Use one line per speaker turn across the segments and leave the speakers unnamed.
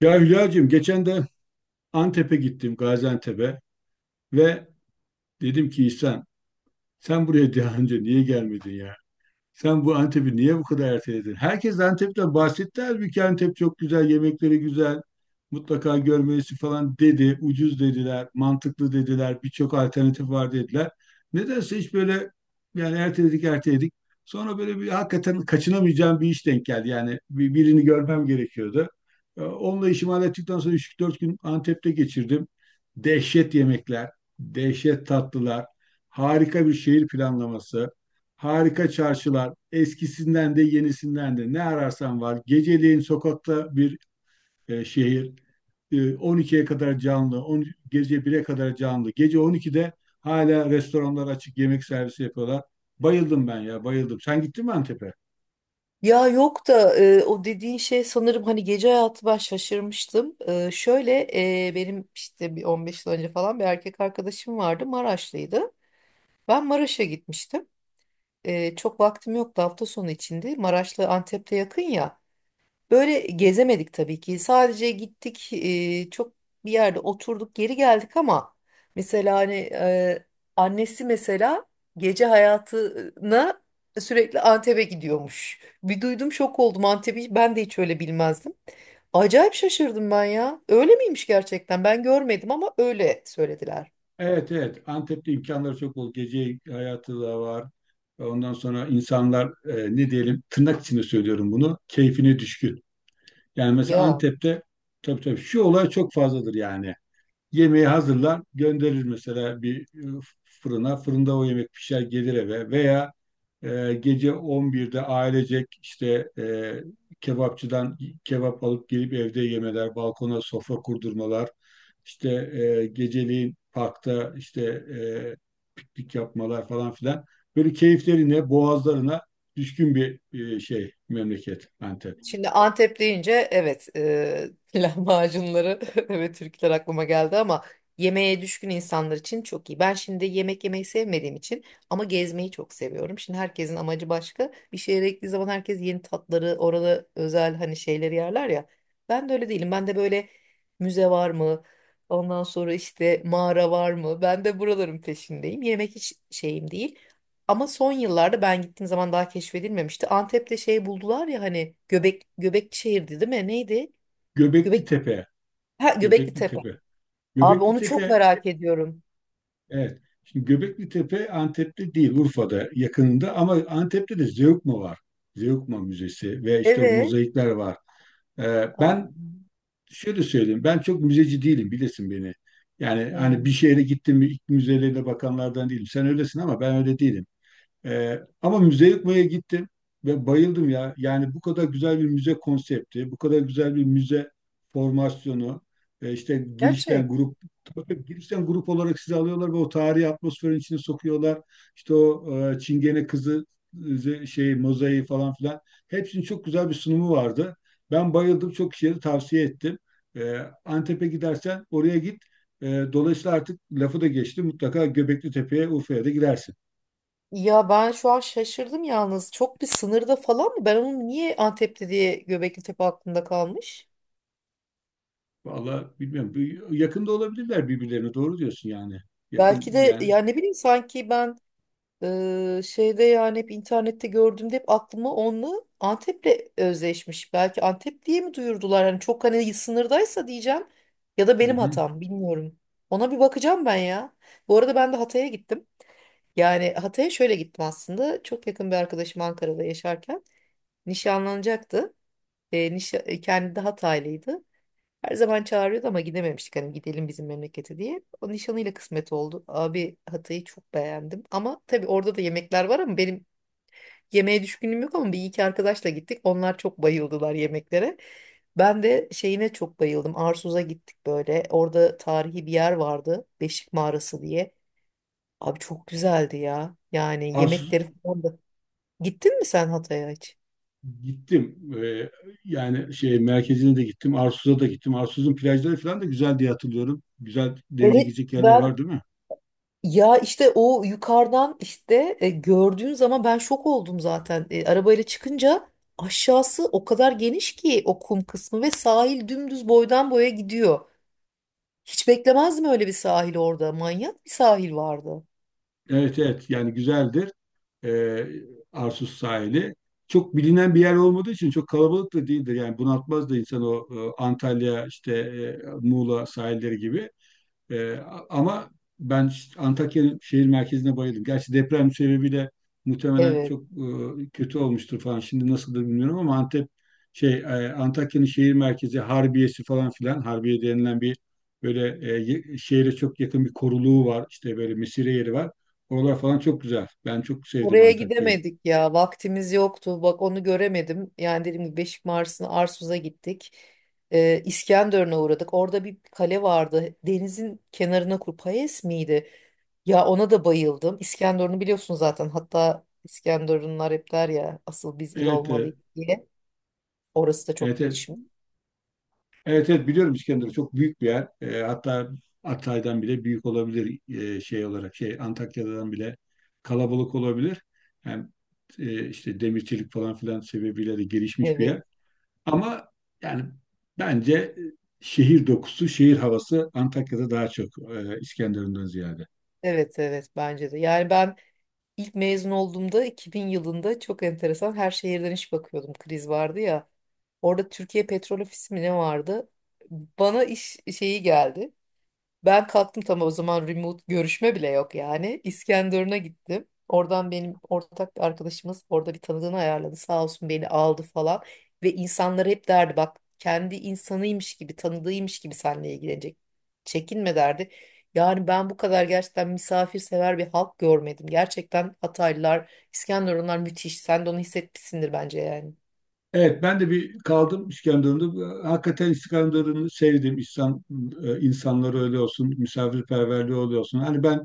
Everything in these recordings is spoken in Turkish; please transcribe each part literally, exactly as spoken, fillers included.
Ya Hülya'cığım geçen de Antep'e gittim, Gaziantep'e ve dedim ki İhsan, sen buraya daha önce niye gelmedin ya? Sen bu Antep'i niye bu kadar erteledin? Herkes Antep'ten bahsetti. Halbuki Antep çok güzel, yemekleri güzel. Mutlaka görmelisin falan dedi. Ucuz dediler, mantıklı dediler. Birçok alternatif var dediler. Nedense hiç böyle yani erteledik erteledik. Sonra böyle bir hakikaten kaçınamayacağım bir iş denk geldi. Yani bir- birini görmem gerekiyordu. Ee, Onunla işimi hallettikten sonra üç dört gün Antep'te geçirdim. Dehşet yemekler, dehşet tatlılar, harika bir şehir planlaması. Harika çarşılar, eskisinden de yenisinden de ne ararsan var. Geceleyin sokakta bir e, şehir, E, on ikiye kadar canlı, on, gece bire kadar canlı. Gece on ikide hala restoranlar açık, yemek servisi yapıyorlar. Bayıldım ben ya, bayıldım. Sen gittin mi Antep'e?
Ya yok da e, o dediğin şey sanırım hani gece hayatı ben şaşırmıştım. E, şöyle e, benim işte bir on beş yıl önce falan bir erkek arkadaşım vardı, Maraşlıydı. Ben Maraş'a gitmiştim. E, çok vaktim yoktu hafta sonu içinde. Maraş'la Antep'te yakın ya. Böyle gezemedik tabii ki. Sadece gittik, e, çok bir yerde oturduk, geri geldik ama mesela hani e, annesi mesela gece hayatına sürekli Antep'e gidiyormuş. Bir duydum şok oldum Antep'i. Ben de hiç öyle bilmezdim. Acayip şaşırdım ben ya. Öyle miymiş gerçekten? Ben görmedim ama öyle söylediler.
Evet, evet. Antep'te imkanları çok bol. Gece hayatı da var. Ondan sonra insanlar, e, ne diyelim, tırnak içinde söylüyorum bunu, keyfine düşkün. Yani mesela
Ya.
Antep'te tabii tabii şu olay çok fazladır yani. Yemeği hazırlar, gönderir mesela bir e, fırına. Fırında o yemek pişer gelir eve veya e, gece on birde ailecek işte e, kebapçıdan kebap alıp gelip evde yemeler, balkona sofra kurdurmalar, işte e, geceliğin parkta işte e, piknik yapmalar falan filan. Böyle keyiflerine, boğazlarına düşkün bir e, şey memleket Antep.
Şimdi Antep deyince evet e, lahmacunları evet Türkler aklıma geldi ama yemeğe düşkün insanlar için çok iyi. Ben şimdi yemek yemeyi sevmediğim için ama gezmeyi çok seviyorum. Şimdi herkesin amacı başka. Bir şehre gittiği zaman herkes yeni tatları, orada özel hani şeyleri yerler ya. Ben de öyle değilim. Ben de böyle müze var mı? Ondan sonra işte mağara var mı? Ben de buraların peşindeyim. Yemek hiç şeyim değil. Ama son yıllarda ben gittiğim zaman daha keşfedilmemişti. Antep'te şey buldular ya hani Göbek Göbekli şehirdi değil mi? Neydi?
Göbekli
Göbek
Tepe,
ha, Göbekli
Göbekli
Tepe.
Tepe.
Abi
Göbekli.
onu çok merak ediyorum.
Evet. Şimdi Göbekli Tepe Antep'te değil, Urfa'da yakınında ama Antep'te de Zeugma var. Zeugma Müzesi ve işte o
Evet.
mozaikler var. Ee,
Aa,
ben Şöyle söyleyeyim, ben çok müzeci değilim, bilirsin beni. Yani hani bir
hmm,
şehre gittim mi ilk müzelerine bakanlardan değilim. Sen öylesin ama ben öyle değilim. Ee, ama müze yıkmaya gittim ve bayıldım ya. Yani bu kadar güzel bir müze konsepti, bu kadar güzel bir müze formasyonu, e, işte girişten
Gerçek.
grup, tabii girişten grup olarak sizi alıyorlar ve o tarihi atmosferin içine sokuyorlar. İşte o e, Çingene kızı e, şey mozaiği falan filan. Hepsinin çok güzel bir sunumu vardı. Ben bayıldım, çok kişiye de tavsiye ettim. E, Antep'e gidersen oraya git. E, dolayısıyla artık lafı da geçti. Mutlaka Göbekli Tepe'ye, Urfa'ya da gidersin.
Ya ben şu an şaşırdım yalnız. Çok bir sınırda falan mı? Ben onu niye Antep'te diye Göbekli Tepe aklımda kalmış?
Vallahi bilmiyorum. Bir- Yakında olabilirler birbirlerine. Doğru diyorsun yani. Yakın
Belki de
yani.
ya ne bileyim sanki ben Ee, şeyde yani hep internette gördüğümde hep aklıma onunla Antep'le özleşmiş. Belki Antep diye mi duyurdular? Hani çok hani sınırdaysa diyeceğim ya da
Hı
benim
hı.
hatam bilmiyorum. Ona bir bakacağım ben ya. Bu arada ben de Hatay'a gittim. Yani Hatay'a şöyle gittim aslında. Çok yakın bir arkadaşım Ankara'da yaşarken nişanlanacaktı. E, nişa e, kendi de Hataylıydı. Her zaman çağırıyordu ama gidememiştik, hani gidelim bizim memlekete diye. O nişanıyla kısmet oldu. Abi Hatay'ı çok beğendim. Ama tabii orada da yemekler var ama benim yemeğe düşkünlüğüm yok ama bir iki arkadaşla gittik. Onlar çok bayıldılar yemeklere. Ben de şeyine çok bayıldım. Arsuz'a gittik böyle. Orada tarihi bir yer vardı, Beşik Mağarası diye. Abi çok güzeldi ya. Yani
Arsuz
yemekleri falan da. Gittin mi sen Hatay'a hiç?
gittim. Ee, Yani şey merkezine de gittim. Arsuz'a da gittim. Arsuz'un plajları falan da güzel diye hatırlıyorum. Güzel denize
Evet
girecek yerler var
ben
değil mi?
ya, işte o yukarıdan işte e, gördüğün zaman ben şok oldum zaten. E, arabayla çıkınca aşağısı o kadar geniş ki, o kum kısmı ve sahil dümdüz boydan boya gidiyor. Hiç beklemezdim öyle bir sahil orada. Manyak bir sahil vardı.
Evet evet. Yani güzeldir. Ee, Arsuz sahili. Çok bilinen bir yer olmadığı için çok kalabalık da değildir. Yani bunaltmaz da insan o e, Antalya işte e, Muğla sahilleri gibi. Ee, ama Ben ş- Antakya şehir merkezine bayıldım. Gerçi deprem sebebiyle muhtemelen
Evet.
çok e, kötü olmuştur falan. Şimdi nasıldır bilmiyorum ama Antep şey e, Antakya'nın şehir merkezi Harbiye'si falan filan. Harbiye denilen bir böyle e, ye- şehre çok yakın bir koruluğu var. İşte böyle mesire yeri var. Oralar falan çok güzel. Ben çok sevdim
Oraya
Antakya'yı.
gidemedik ya. Vaktimiz yoktu. Bak onu göremedim. Yani dediğim gibi Beşik Mars'ına, Arsuz'a gittik. Ee, İskenderun'a uğradık. Orada bir kale vardı. Denizin kenarına kur. Payes miydi? Ya ona da bayıldım. İskenderun'u biliyorsun zaten. Hatta İskenderunlar hep der ya asıl biz il
Evet, e,
olmalıyız diye. Orası da çok
evet, evet.
gelişmiş.
Evet evet biliyorum, İskenderun çok büyük bir yer. Ee, hatta Hatay'dan bile büyük olabilir e, şey olarak. Şey, Antakya'dan bile kalabalık olabilir. Hem e, işte demirçilik falan filan sebebiyle de gelişmiş bir
Evet.
yer. Ama yani bence e, şehir dokusu, şehir havası Antakya'da daha çok, e, İskenderun'dan ziyade.
Evet evet bence de. Yani ben İlk mezun olduğumda iki bin yılında çok enteresan, her şehirden iş bakıyordum, kriz vardı ya. Orada Türkiye Petrol Ofisi mi ne vardı? Bana iş şeyi geldi. Ben kalktım, tam o zaman remote görüşme bile yok yani. İskenderun'a gittim. Oradan benim ortak bir arkadaşımız orada bir tanıdığını ayarladı. Sağ olsun beni aldı falan. Ve insanlara hep derdi, bak, kendi insanıymış gibi, tanıdığıymış gibi seninle ilgilenecek. Çekinme derdi. Yani ben bu kadar gerçekten misafirsever bir halk görmedim. Gerçekten Hataylılar, İskenderunlar müthiş. Sen de onu hissetmişsindir bence yani.
Evet, ben de bir kaldım İskenderun'da. Ee, Hakikaten İskenderun'u sevdim. İnsan, e, insanları öyle olsun, misafirperverliği öyle olsun. Hani ben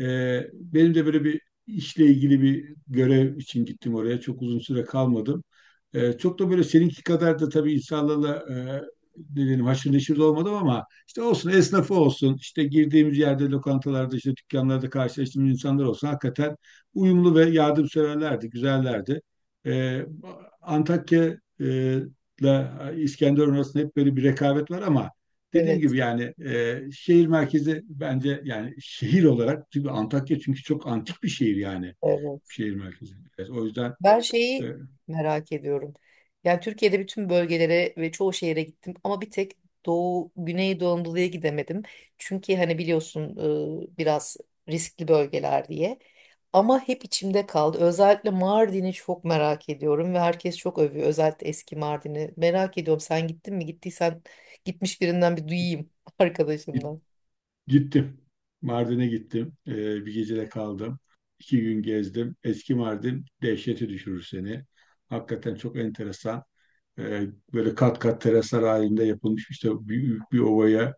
e, benim de böyle bir işle ilgili bir görev için gittim oraya. Çok uzun süre kalmadım. E, çok da böyle seninki kadar da tabii insanlarla e, ne diyelim haşır neşir de olmadım ama işte olsun esnafı olsun işte girdiğimiz yerde lokantalarda işte dükkanlarda karşılaştığımız insanlar olsun hakikaten uyumlu ve yardımseverlerdi, güzellerdi. E, Antakya e, ile İskenderun arasında hep böyle bir rekabet var ama dediğim gibi
Evet,
yani e, şehir merkezi bence yani şehir olarak çünkü Antakya çünkü çok antik bir şehir yani
evet.
şehir merkezi. Evet, o yüzden
Ben
e,
şeyi merak ediyorum. Yani Türkiye'de bütün bölgelere ve çoğu şehire gittim ama bir tek Doğu, Güneydoğu Anadolu'ya gidemedim. Çünkü hani biliyorsun e, biraz riskli bölgeler diye. Ama hep içimde kaldı. Özellikle Mardin'i çok merak ediyorum ve herkes çok övüyor. Özellikle eski Mardin'i. Merak ediyorum sen gittin mi? Gittiysen gitmiş birinden bir duyayım
git-
arkadaşımdan.
gittim. Mardin'e gittim. E, bir gecede kaldım. İki gün gezdim. Eski Mardin dehşete düşürür seni. Hakikaten çok enteresan. E, Böyle kat kat teraslar halinde yapılmış işte büyük bir ovaya,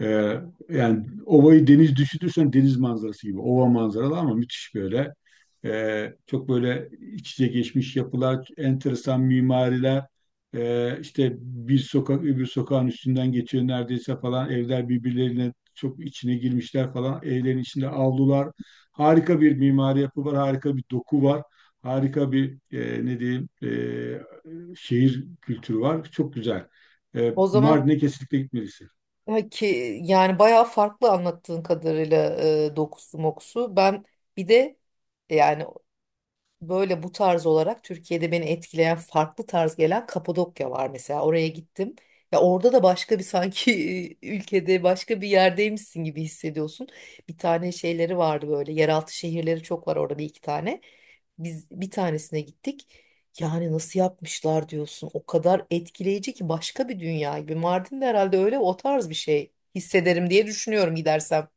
e, yani ovayı deniz düşünürsen deniz manzarası gibi ova manzaralı ama müthiş böyle. E, çok böyle iç içe geçmiş yapılar, enteresan mimariler. E, işte bir sokak öbür sokağın üstünden geçiyor neredeyse falan, evler birbirlerine çok içine girmişler falan, evlerin içinde avlular, harika bir mimari yapı var, harika bir doku var, harika bir e, ne diyeyim e, şehir kültürü var. Çok güzel. E,
O zaman
Mardin'e kesinlikle gitmelisin.
ya ki yani bayağı farklı anlattığın kadarıyla e, dokusu mokusu. Ben bir de yani böyle bu tarz olarak Türkiye'de beni etkileyen farklı tarz gelen Kapadokya var mesela. Oraya gittim. Ya orada da başka bir sanki ülkede başka bir yerdeymişsin gibi hissediyorsun. Bir tane şeyleri vardı böyle, yeraltı şehirleri çok var orada, bir iki tane. Biz bir tanesine gittik. Yani nasıl yapmışlar diyorsun. O kadar etkileyici ki başka bir dünya gibi. Mardin'de herhalde öyle o tarz bir şey hissederim diye düşünüyorum gidersem.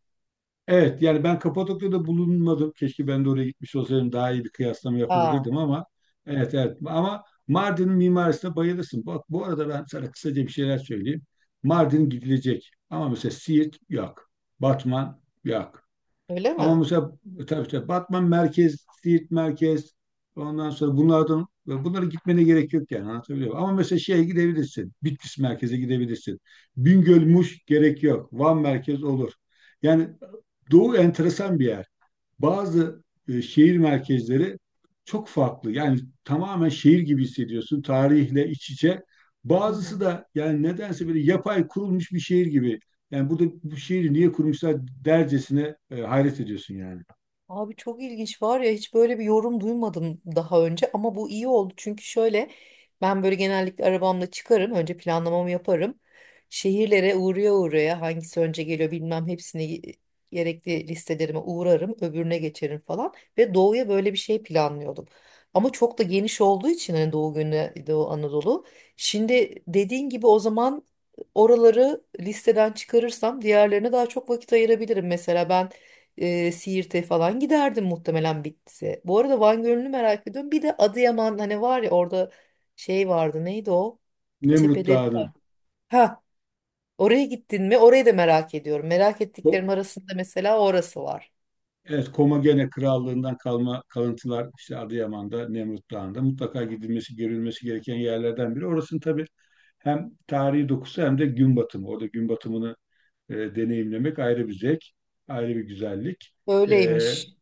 Evet yani ben Kapadokya'da bulunmadım. Keşke ben de oraya gitmiş olsaydım daha iyi bir kıyaslama
Aa,
yapabilirdim ama evet evet ama Mardin'in mimarisine bayılırsın. Bak bu arada ben sana kısaca bir şeyler söyleyeyim. Mardin gidilecek ama mesela Siirt yok. Batman yok.
öyle
Ama
mi?
mesela tabii tabii işte Batman merkez, Siirt merkez, ondan sonra bunlardan bunlara gitmene gerek yok yani, anlatabiliyor muyum? Ama mesela şeye gidebilirsin. Bitlis merkeze gidebilirsin. Bingöl, Muş gerek yok. Van merkez olur. Yani Doğu enteresan bir yer. Bazı e, şehir merkezleri çok farklı. Yani tamamen şehir gibi hissediyorsun. Tarihle iç içe.
Hı
Bazısı
hı.
da yani nedense böyle yapay kurulmuş bir şehir gibi. Yani burada bu şehri niye kurmuşlar dercesine e, hayret ediyorsun yani.
Abi çok ilginç var ya, hiç böyle bir yorum duymadım daha önce ama bu iyi oldu çünkü şöyle, ben böyle genellikle arabamla çıkarım, önce planlamamı yaparım, şehirlere uğraya uğraya, hangisi önce geliyor bilmem, hepsini gerekli listelerime uğrarım, öbürüne geçerim falan. Ve doğuya böyle bir şey planlıyordum ama çok da geniş olduğu için hani doğu günü Doğu Anadolu, şimdi dediğin gibi o zaman oraları listeden çıkarırsam diğerlerine daha çok vakit ayırabilirim. Mesela ben e, Siirt'e falan giderdim muhtemelen bitse. Bu arada Van Gölü'nü merak ediyorum. Bir de Adıyaman, hani var ya orada şey vardı, neydi o? Bir
Nemrut
tepeleri
Dağı'nı.
var. Ha, oraya gittin mi? Orayı da merak ediyorum. Merak
O,
ettiklerim arasında mesela orası var.
evet, Komagene Krallığından kalma kalıntılar işte Adıyaman'da, Nemrut Dağı'nda mutlaka gidilmesi, görülmesi gereken yerlerden biri. Orasının tabii hem tarihi dokusu hem de gün batımı. Orada gün batımını e, deneyimlemek ayrı bir zevk, ayrı bir güzellik. E,
Öyleymiş.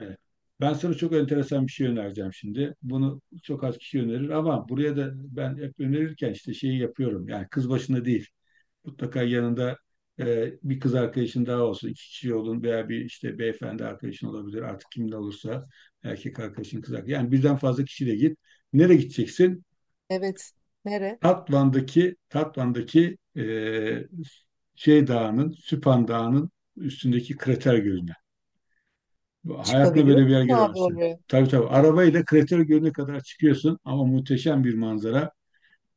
evet. Ben sana çok enteresan bir şey önereceğim şimdi. Bunu çok az kişi önerir ama buraya da ben hep önerirken işte şeyi yapıyorum. Yani kız başına değil. Mutlaka yanında e, bir kız arkadaşın daha olsun. İki kişi olun veya bir işte beyefendi arkadaşın olabilir. Artık kimin olursa, erkek arkadaşın, kız arkadaşın. Yani birden fazla kişiyle git. Nereye gideceksin?
Evet. Nere?
Tatvan'daki Tatvan'daki eee, şey dağının, Süphan Dağı'nın üstündeki krater gölüne. Bu- Hayatında
Çıkabiliyor
böyle bir yer
musun abi
göremezsin.
oraya?
Tabii tabii. Arabayla krater gölüne kadar çıkıyorsun, ama muhteşem bir manzara.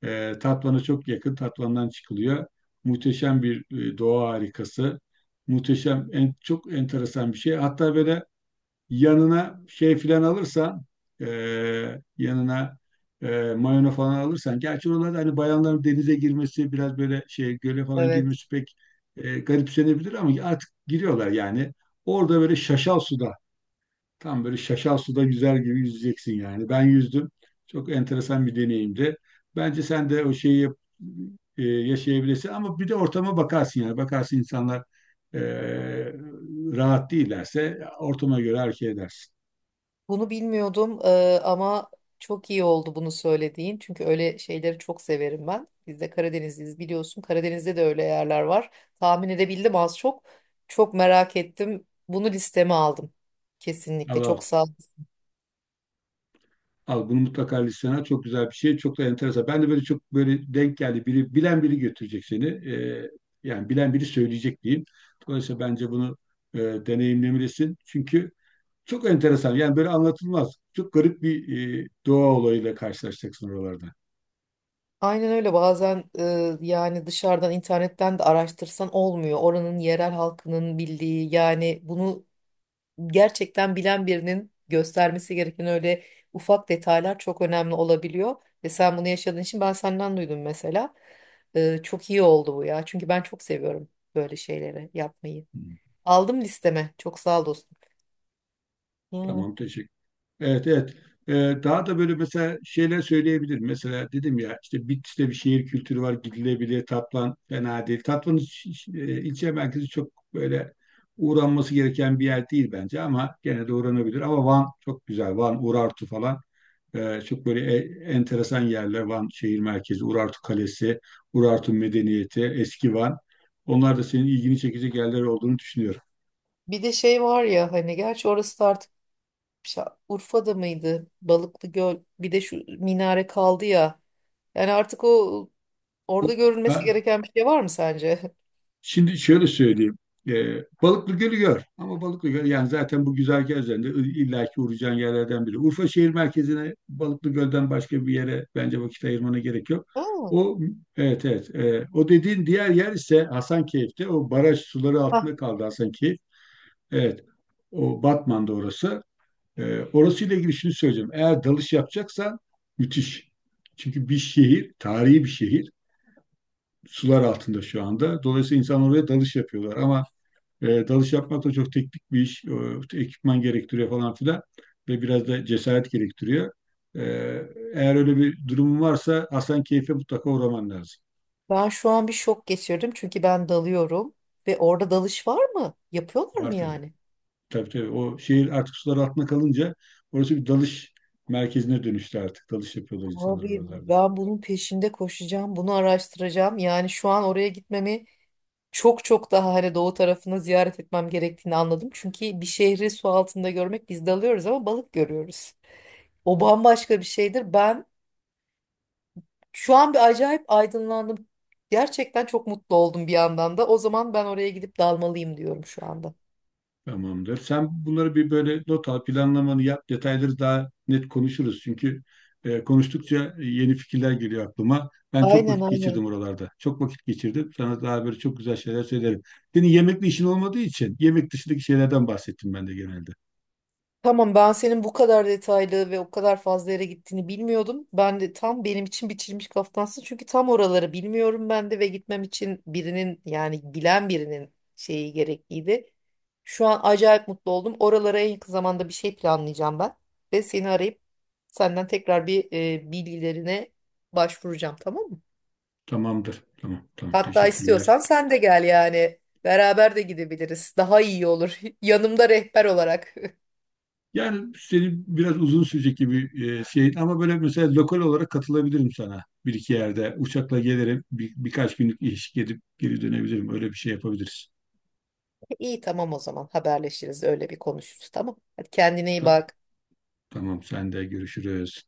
Eee Tatvan'a çok yakın. Tatvan'dan çıkılıyor. Muhteşem bir e, doğa harikası. Muhteşem, en, çok enteresan bir şey. Hatta böyle yanına şey filan alırsan, e, yanına e, mayona falan alırsan, gerçi oralarda hani bayanların denize girmesi biraz böyle şey, göle falan
Evet.
girmesi pek e, garipsenebilir ama artık giriyorlar yani. Orada böyle şaşal suda, tam böyle şaşal suda güzel gibi yüzeceksin yani. Ben yüzdüm. Çok enteresan bir deneyimdi. Bence sen de o şeyi yap- e, yaşayabilirsin, ama bir de ortama bakarsın yani. Bakarsın insanlar e, rahat değillerse ortama göre hareket edersin.
Bunu bilmiyordum, eee, ama çok iyi oldu bunu söylediğin. Çünkü öyle şeyleri çok severim ben. Biz de Karadenizliyiz biliyorsun. Karadeniz'de de öyle yerler var. Tahmin edebildim az çok. Çok merak ettim. Bunu listeme aldım. Kesinlikle,
Al
çok
al.
sağ ol.
Al bunu mutlaka listene al. Çok güzel bir şey. Çok da enteresan. Ben de böyle çok böyle denk geldi. Biri, bilen biri götürecek seni. Ee, yani bilen biri söyleyecek diyeyim. Dolayısıyla bence bunu e, deneyimlemelisin. Çünkü çok enteresan. Yani böyle anlatılmaz. Çok garip bir e, doğa olayıyla karşılaşacaksın oralarda.
Aynen öyle. Bazen eee, yani dışarıdan internetten de araştırsan olmuyor. Oranın yerel halkının bildiği, yani bunu gerçekten bilen birinin göstermesi gereken öyle ufak detaylar çok önemli olabiliyor. Ve sen bunu yaşadığın için ben senden duydum mesela. Ee, çok iyi oldu bu ya. Çünkü ben çok seviyorum böyle şeyleri yapmayı. Aldım listeme. Çok sağ ol dostum. Yani
Tamam, teşekkür. Evet, evet. Ee, Daha da böyle mesela şeyler söyleyebilirim. Mesela dedim ya işte Bitlis'te bir şehir kültürü var, gidilebilir. Tatvan fena değil. Tatvan e, ilçe merkezi çok böyle uğranması gereken bir yer değil bence ama gene de uğranabilir. Ama Van çok güzel. Van, Urartu falan. Ee, çok böyle e- enteresan yerler. Van şehir merkezi, Urartu Kalesi, Urartu Medeniyeti, Eski Van. Onlar da senin ilgini çekecek yerler olduğunu düşünüyorum.
bir de şey var ya hani, gerçi orası da artık şa- Urfa'da mıydı? Balıklı Göl. Bir de şu minare kaldı ya. Yani artık o orada görülmesi gereken bir şey var mı sence?
Şimdi şöyle söyleyeyim. Ee, Balıklı Gölü gör. Ama Balıklı Gölü yani zaten bu güzergah üzerinde i- illaki uğrayacağın yerlerden biri. Urfa şehir merkezine Balıklı Göl'den başka bir yere bence vakit ayırmana gerek yok. O, evet evet. Ee, o dediğin diğer yer ise Hasankeyf'te. O baraj suları
Ha.
altında kaldı Hasankeyf. Evet. O Batman'da, orası. Ee, orasıyla ilgili şunu söyleyeceğim. Eğer dalış yapacaksan müthiş. Çünkü bir şehir, tarihi bir şehir. Sular altında şu anda. Dolayısıyla insanlar oraya dalış yapıyorlar. Ama e, dalış yapmak da çok teknik bir iş. E, ekipman gerektiriyor falan filan. Ve biraz da cesaret gerektiriyor. E, Eğer öyle bir durumun varsa Hasankeyf'e mutlaka uğraman lazım.
Ben şu an bir şok geçirdim çünkü ben dalıyorum ve orada dalış var mı? Yapıyorlar mı
Var tabii.
yani?
Tabii tabii. O şehir artık sular altına kalınca orası bir dalış merkezine dönüştü artık. Dalış yapıyorlar insanlar
Abi
oralarda.
ben bunun peşinde koşacağım, bunu araştıracağım. Yani şu an oraya gitmemi, çok çok daha hani doğu tarafını ziyaret etmem gerektiğini anladım. Çünkü bir şehri su altında görmek, biz dalıyoruz ama balık görüyoruz. O bambaşka bir şeydir. Ben şu an bir acayip aydınlandım. Gerçekten çok mutlu oldum bir yandan da. O zaman ben oraya gidip dalmalıyım diyorum şu anda.
Tamamdır. Sen bunları bir böyle not al, planlamanı yap, detayları daha net konuşuruz. Çünkü e, konuştukça yeni fikirler geliyor aklıma. Ben çok
Aynen
vakit geçirdim
aynen.
oralarda. Çok vakit geçirdim. Sana daha böyle çok güzel şeyler söylerim. Senin yemekle işin olmadığı için yemek dışındaki şeylerden bahsettim ben de genelde.
Tamam, ben senin bu kadar detaylı ve o kadar fazla yere gittiğini bilmiyordum. Ben de tam, benim için biçilmiş kaftansın. Çünkü tam oraları bilmiyorum ben de ve gitmem için birinin, yani bilen birinin şeyi gerekliydi. Şu an acayip mutlu oldum. Oralara en yakın zamanda bir şey planlayacağım ben. Ve seni arayıp senden tekrar bir e, bilgilerine başvuracağım, tamam mı?
Tamamdır. Tamam, tamam.
Hatta
Teşekkürler.
istiyorsan sen de gel yani. Beraber de gidebiliriz. Daha iyi olur. Yanımda rehber olarak.
Yani senin biraz uzun sürecek gibi e, şey, ama böyle mesela lokal olarak katılabilirim sana. Bir iki yerde uçakla gelirim. Bir, birkaç günlük iş, gidip geri dönebilirim. Öyle bir şey yapabiliriz.
İyi, tamam, o zaman haberleşiriz, öyle bir konuşuruz, tamam. Hadi kendine iyi
Tamam.
bak.
Tamam, sen de görüşürüz.